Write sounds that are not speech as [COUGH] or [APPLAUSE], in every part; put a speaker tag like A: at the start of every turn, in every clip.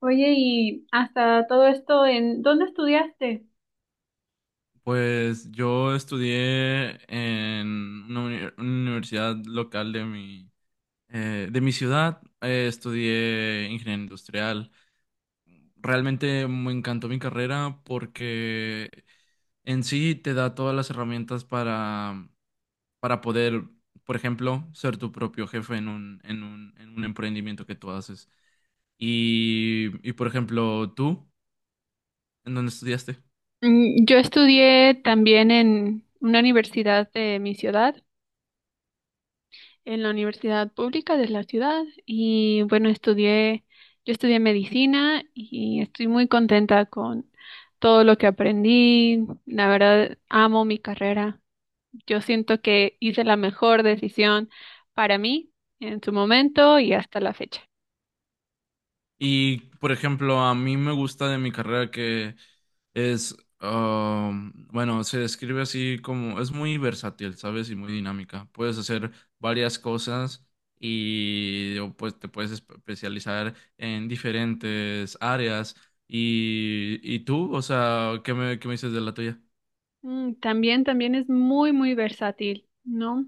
A: Oye, y hasta todo esto, ¿en dónde estudiaste?
B: Pues yo estudié en una universidad local de mi ciudad. Estudié ingeniería industrial. Realmente me encantó mi carrera porque en sí te da todas las herramientas para poder, por ejemplo, ser tu propio jefe en un emprendimiento que tú haces. Y, por ejemplo, tú, ¿en dónde estudiaste?
A: Yo estudié también en una universidad de mi ciudad, en la universidad pública de la ciudad, y bueno, estudié, yo estudié medicina y estoy muy contenta con todo lo que aprendí. La verdad, amo mi carrera. Yo siento que hice la mejor decisión para mí en su momento y hasta la fecha.
B: Y, por ejemplo, a mí me gusta de mi carrera que es, bueno, se describe así como, es muy versátil, ¿sabes? Y muy dinámica. Puedes hacer varias cosas y pues te puedes especializar en diferentes áreas. Y, tú, o sea, ¿qué me dices de la tuya?
A: También, también es muy, muy versátil, ¿no?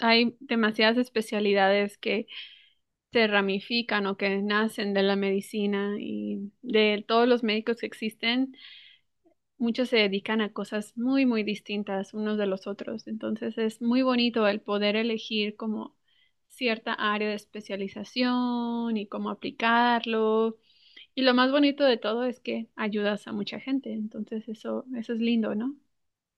A: Hay demasiadas especialidades que se ramifican o que nacen de la medicina y de todos los médicos que existen, muchos se dedican a cosas muy, muy distintas unos de los otros. Entonces es muy bonito el poder elegir como cierta área de especialización y cómo aplicarlo. Y lo más bonito de todo es que ayudas a mucha gente. Entonces eso es lindo, ¿no?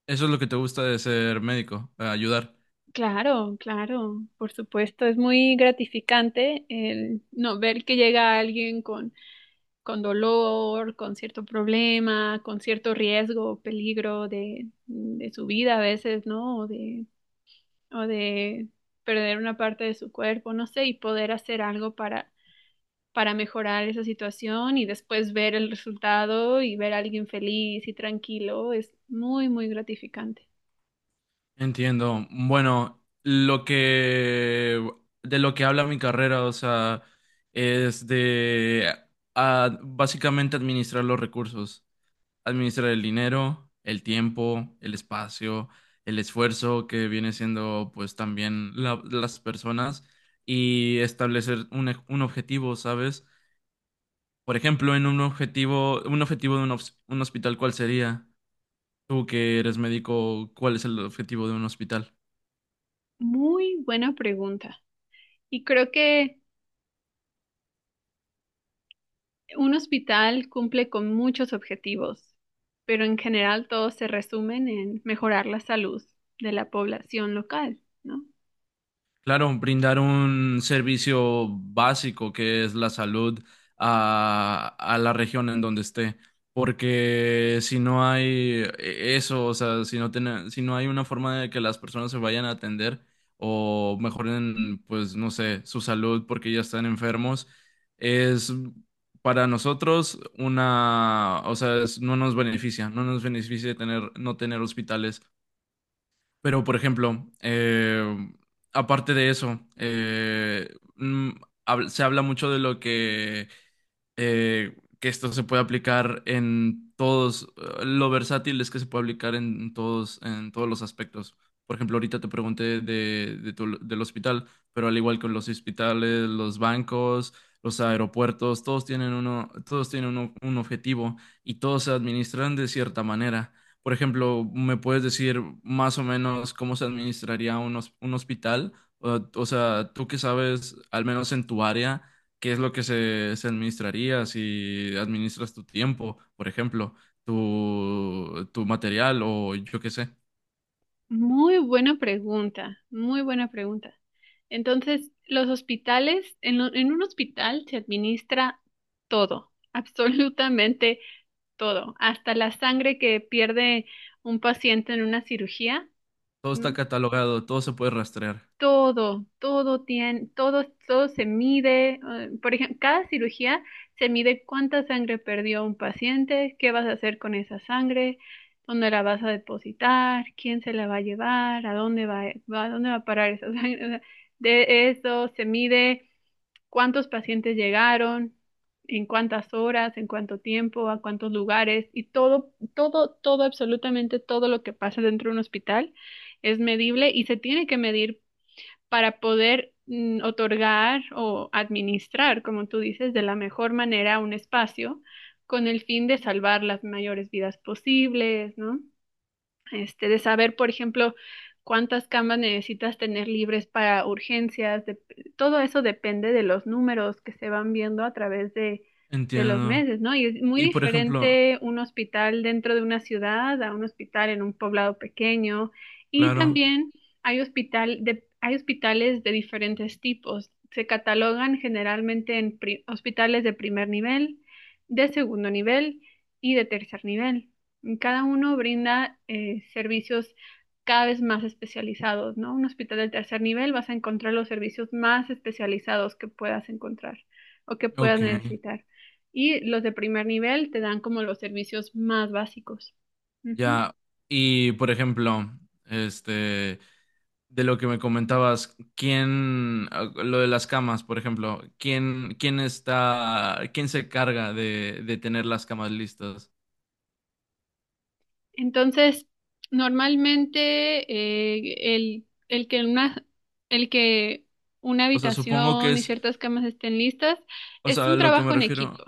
B: Eso es lo que te gusta de ser médico, ayudar.
A: Claro, claro, por supuesto, es muy gratificante el no ver que llega alguien con dolor, con cierto problema, con cierto riesgo, peligro de su vida a veces, ¿no? O de perder una parte de su cuerpo, no sé, y poder hacer algo para mejorar esa situación y después ver el resultado y ver a alguien feliz y tranquilo es muy, muy gratificante.
B: Entiendo. Bueno, lo que de lo que habla mi carrera, o sea, es de básicamente administrar los recursos, administrar el dinero, el tiempo, el espacio, el esfuerzo que viene siendo pues también las personas y establecer un objetivo, ¿sabes? Por ejemplo, en un objetivo de un hospital, ¿cuál sería? Tú que eres médico, ¿cuál es el objetivo de un hospital?
A: Muy buena pregunta. Y creo que un hospital cumple con muchos objetivos, pero en general todos se resumen en mejorar la salud de la población local, ¿no?
B: Claro, brindar un servicio básico que es la salud a la región en donde esté, porque si no hay eso, o sea, si no hay una forma de que las personas se vayan a atender o mejoren, pues no sé, su salud porque ya están enfermos, es para nosotros o sea, no nos beneficia, no tener hospitales. Pero, por ejemplo, aparte de eso, mm, se habla mucho de lo que esto se puede aplicar en todos, lo versátil es que se puede aplicar en todos los aspectos. Por ejemplo, ahorita te pregunté del hospital, pero al igual que los hospitales, los bancos, los aeropuertos, todos tienen un objetivo y todos se administran de cierta manera. Por ejemplo, ¿me puedes decir más o menos cómo se administraría un hospital? O sea, tú que sabes, al menos en tu área qué es lo que se administraría si administras tu tiempo, por ejemplo, tu material o yo qué sé.
A: Muy buena pregunta, muy buena pregunta. Entonces, los hospitales, en un hospital se administra todo, [LAUGHS] absolutamente todo, hasta la sangre que pierde un paciente en una cirugía,
B: Todo está
A: ¿no?
B: catalogado, todo se puede rastrear.
A: Todo, todo tiene, todo, todo se mide. Por ejemplo, cada cirugía se mide cuánta sangre perdió un paciente, qué vas a hacer con esa sangre, dónde la vas a depositar, quién se la va a llevar, a dónde va, a dónde va a parar esa [LAUGHS] sangre. O sea, de eso se mide cuántos pacientes llegaron, en cuántas horas, en cuánto tiempo, a cuántos lugares y todo, todo, todo, absolutamente todo lo que pasa dentro de un hospital es medible y se tiene que medir para poder otorgar o administrar, como tú dices, de la mejor manera un espacio con el fin de salvar las mayores vidas posibles, ¿no? Este, de saber, por ejemplo, cuántas camas necesitas tener libres para urgencias, todo eso depende de los números que se van viendo a través de los
B: Entiendo.
A: meses, ¿no? Y es muy
B: Y por ejemplo,
A: diferente un hospital dentro de una ciudad a un hospital en un poblado pequeño. Y
B: claro,
A: también hay hospitales de diferentes tipos. Se catalogan generalmente en hospitales de primer nivel, de segundo nivel y de tercer nivel. Cada uno brinda servicios cada vez más especializados, ¿no? Un hospital del tercer nivel vas a encontrar los servicios más especializados que puedas encontrar o que puedas
B: ok,
A: necesitar. Y los de primer nivel te dan como los servicios más básicos. Ujú.
B: ya. Y por ejemplo, este, de lo que me comentabas, lo de las camas, por ejemplo, ¿quién está, quién se carga de tener las camas listas?
A: Entonces, normalmente eh, el, el que una, el que una
B: O sea, supongo que
A: habitación y
B: es.
A: ciertas camas estén listas
B: O
A: es
B: sea,
A: un trabajo en equipo.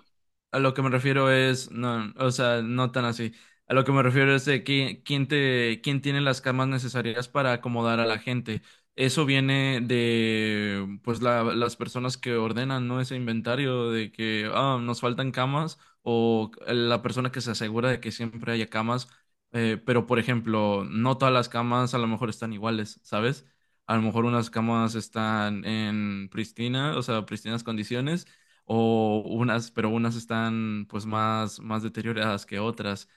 B: a lo que me refiero es, no, o sea, no tan así. A lo que me refiero es de quién tiene las camas necesarias para acomodar a la gente. Eso viene de, pues, las personas que ordenan, ¿no? Ese inventario de que, ah, nos faltan camas o la persona que se asegura de que siempre haya camas. Pero, por ejemplo, no todas las camas a lo mejor están iguales, ¿sabes? A lo mejor unas camas están en pristina, o sea, pristinas condiciones o unas, pero unas están pues más, más deterioradas que otras.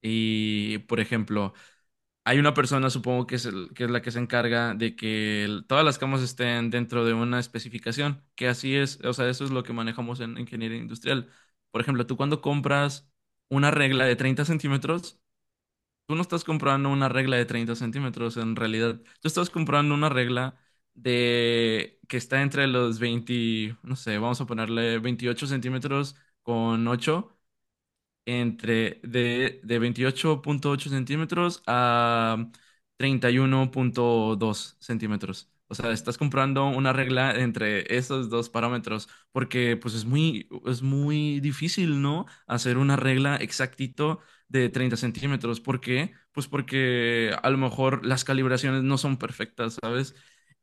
B: Y, por ejemplo, hay una persona, supongo que es, que es la que se encarga de que todas las camas estén dentro de una especificación, que así es, o sea, eso es lo que manejamos en ingeniería industrial. Por ejemplo, tú cuando compras una regla de 30 centímetros. Tú no estás comprando una regla de 30 centímetros, en realidad. Tú estás comprando una regla de que está entre los 20, no sé, vamos a ponerle 28 centímetros con 8 entre de 28.8 centímetros a 31.2 centímetros. O sea, estás comprando una regla entre esos dos parámetros, porque pues es muy difícil, ¿no? Hacer una regla exactito de 30 centímetros. ¿Por qué? Pues porque a lo mejor las calibraciones no son perfectas, ¿sabes?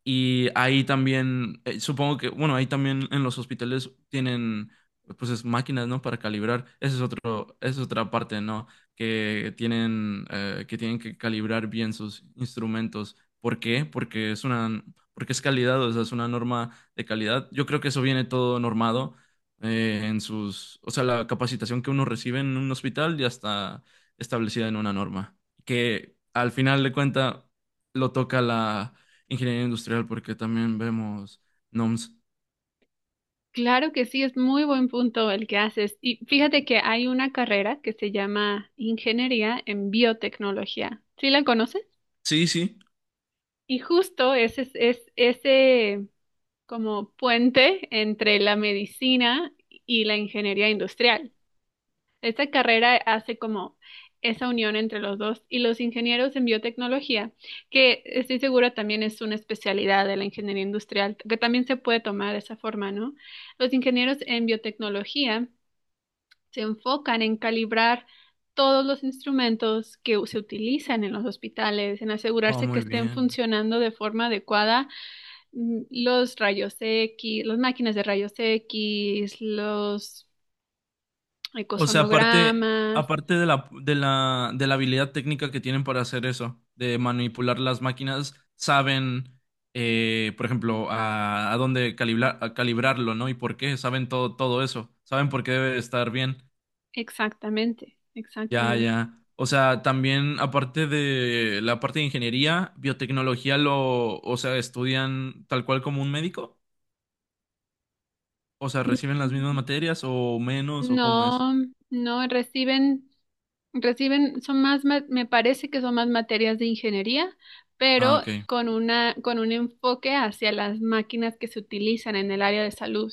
B: Y ahí también, supongo que, bueno, ahí también en los hospitales tienen pues es máquinas, ¿no? Para calibrar. Esa es otro, esa es otra parte, ¿no? Que tienen, que tienen que calibrar bien sus instrumentos. ¿Por qué? Porque es una, porque es calidad, o sea, es una norma de calidad. Yo creo que eso viene todo normado en sus, o sea, la capacitación que uno recibe en un hospital ya está establecida en una norma. Que al final de cuenta lo toca la ingeniería industrial porque también vemos NOMS.
A: Claro que sí, es muy buen punto el que haces. Y fíjate que hay una carrera que se llama Ingeniería en Biotecnología. ¿Sí la conoces?
B: Sí, sí.
A: Y justo ese es ese como puente entre la medicina y la ingeniería industrial. Esta carrera hace como esa unión entre los dos y los ingenieros en biotecnología, que estoy segura también es una especialidad de la ingeniería industrial, que también se puede tomar de esa forma, ¿no? Los ingenieros en biotecnología se enfocan en calibrar todos los instrumentos que se utilizan en los hospitales, en
B: Oh,
A: asegurarse que
B: muy
A: estén
B: bien.
A: funcionando de forma adecuada, los rayos X, las máquinas de rayos X, los
B: O sea, aparte,
A: ecosonogramas,
B: aparte de la, de la, de la habilidad técnica que tienen para hacer eso, de manipular las máquinas, saben, por ejemplo, a dónde calibrar, a calibrarlo, ¿no? Y por qué, saben todo, todo eso, saben por qué debe estar bien.
A: exactamente,
B: Ya,
A: exactamente.
B: ya. O sea, también aparte de la parte de ingeniería, biotecnología lo, o sea, estudian tal cual como un médico. O sea, reciben las mismas materias o menos o cómo es.
A: No, no, reciben, reciben, son más, me parece que son más materias de ingeniería,
B: Ah,
A: pero
B: ok.
A: con una, con un enfoque hacia las máquinas que se utilizan en el área de salud,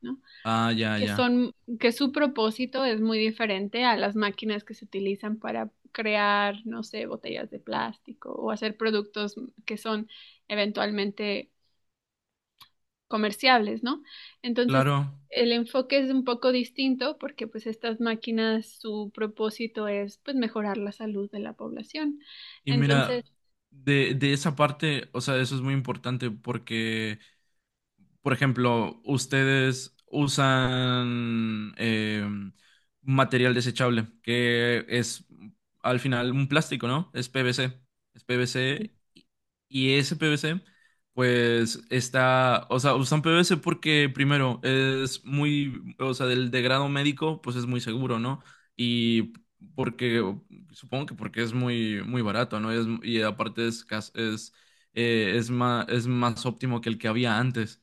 A: ¿no?
B: Ah, ya,
A: Que
B: ya.
A: son, que su propósito es muy diferente a las máquinas que se utilizan para crear, no sé, botellas de plástico o hacer productos que son eventualmente comerciables, ¿no? Entonces,
B: Claro.
A: el enfoque es un poco distinto porque pues estas máquinas, su propósito es pues mejorar la salud de la población.
B: Y mira,
A: Entonces,
B: de esa parte, o sea, eso es muy importante porque por ejemplo, ustedes usan material desechable, que es al final un plástico, ¿no? Es PVC. Es
A: sí,
B: PVC y ese PVC, pues está, o sea, usan PVC porque primero es muy, o sea, del de grado médico, pues es muy seguro, ¿no? Y porque, supongo que porque es muy, muy barato, ¿no? Y aparte es, cas- es más óptimo que el que había antes.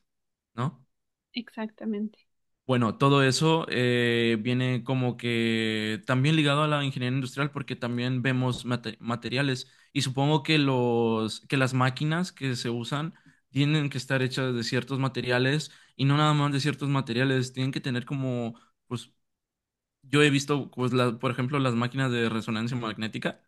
B: ¿No?
A: exactamente.
B: Bueno, todo eso viene como que también ligado a la ingeniería industrial porque también vemos materiales y supongo que los que las máquinas que se usan tienen que estar hechas de ciertos materiales y no nada más de ciertos materiales, tienen que tener como pues yo he visto pues por ejemplo las máquinas de resonancia magnética.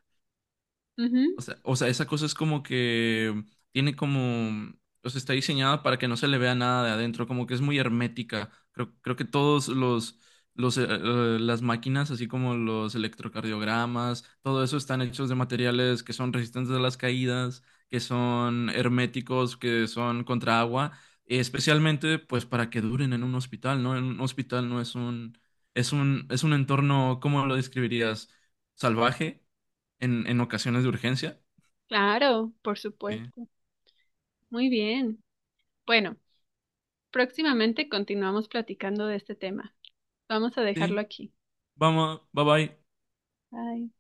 A: Ujú,
B: O sea, esa cosa es como que tiene como, o sea, está diseñada para que no se le vea nada de adentro, como que es muy hermética. Creo que las máquinas, así como los electrocardiogramas, todo eso están hechos de materiales que son resistentes a las caídas, que son herméticos, que son contra agua, especialmente pues para que duren en un hospital, ¿no? En un hospital no es un, es un entorno, ¿cómo lo describirías? Salvaje en, ocasiones de urgencia.
A: claro, por
B: Sí,
A: supuesto. Muy bien. Bueno, próximamente continuamos platicando de este tema. Vamos a
B: sí,
A: dejarlo aquí.
B: vamos, bye bye.
A: Bye.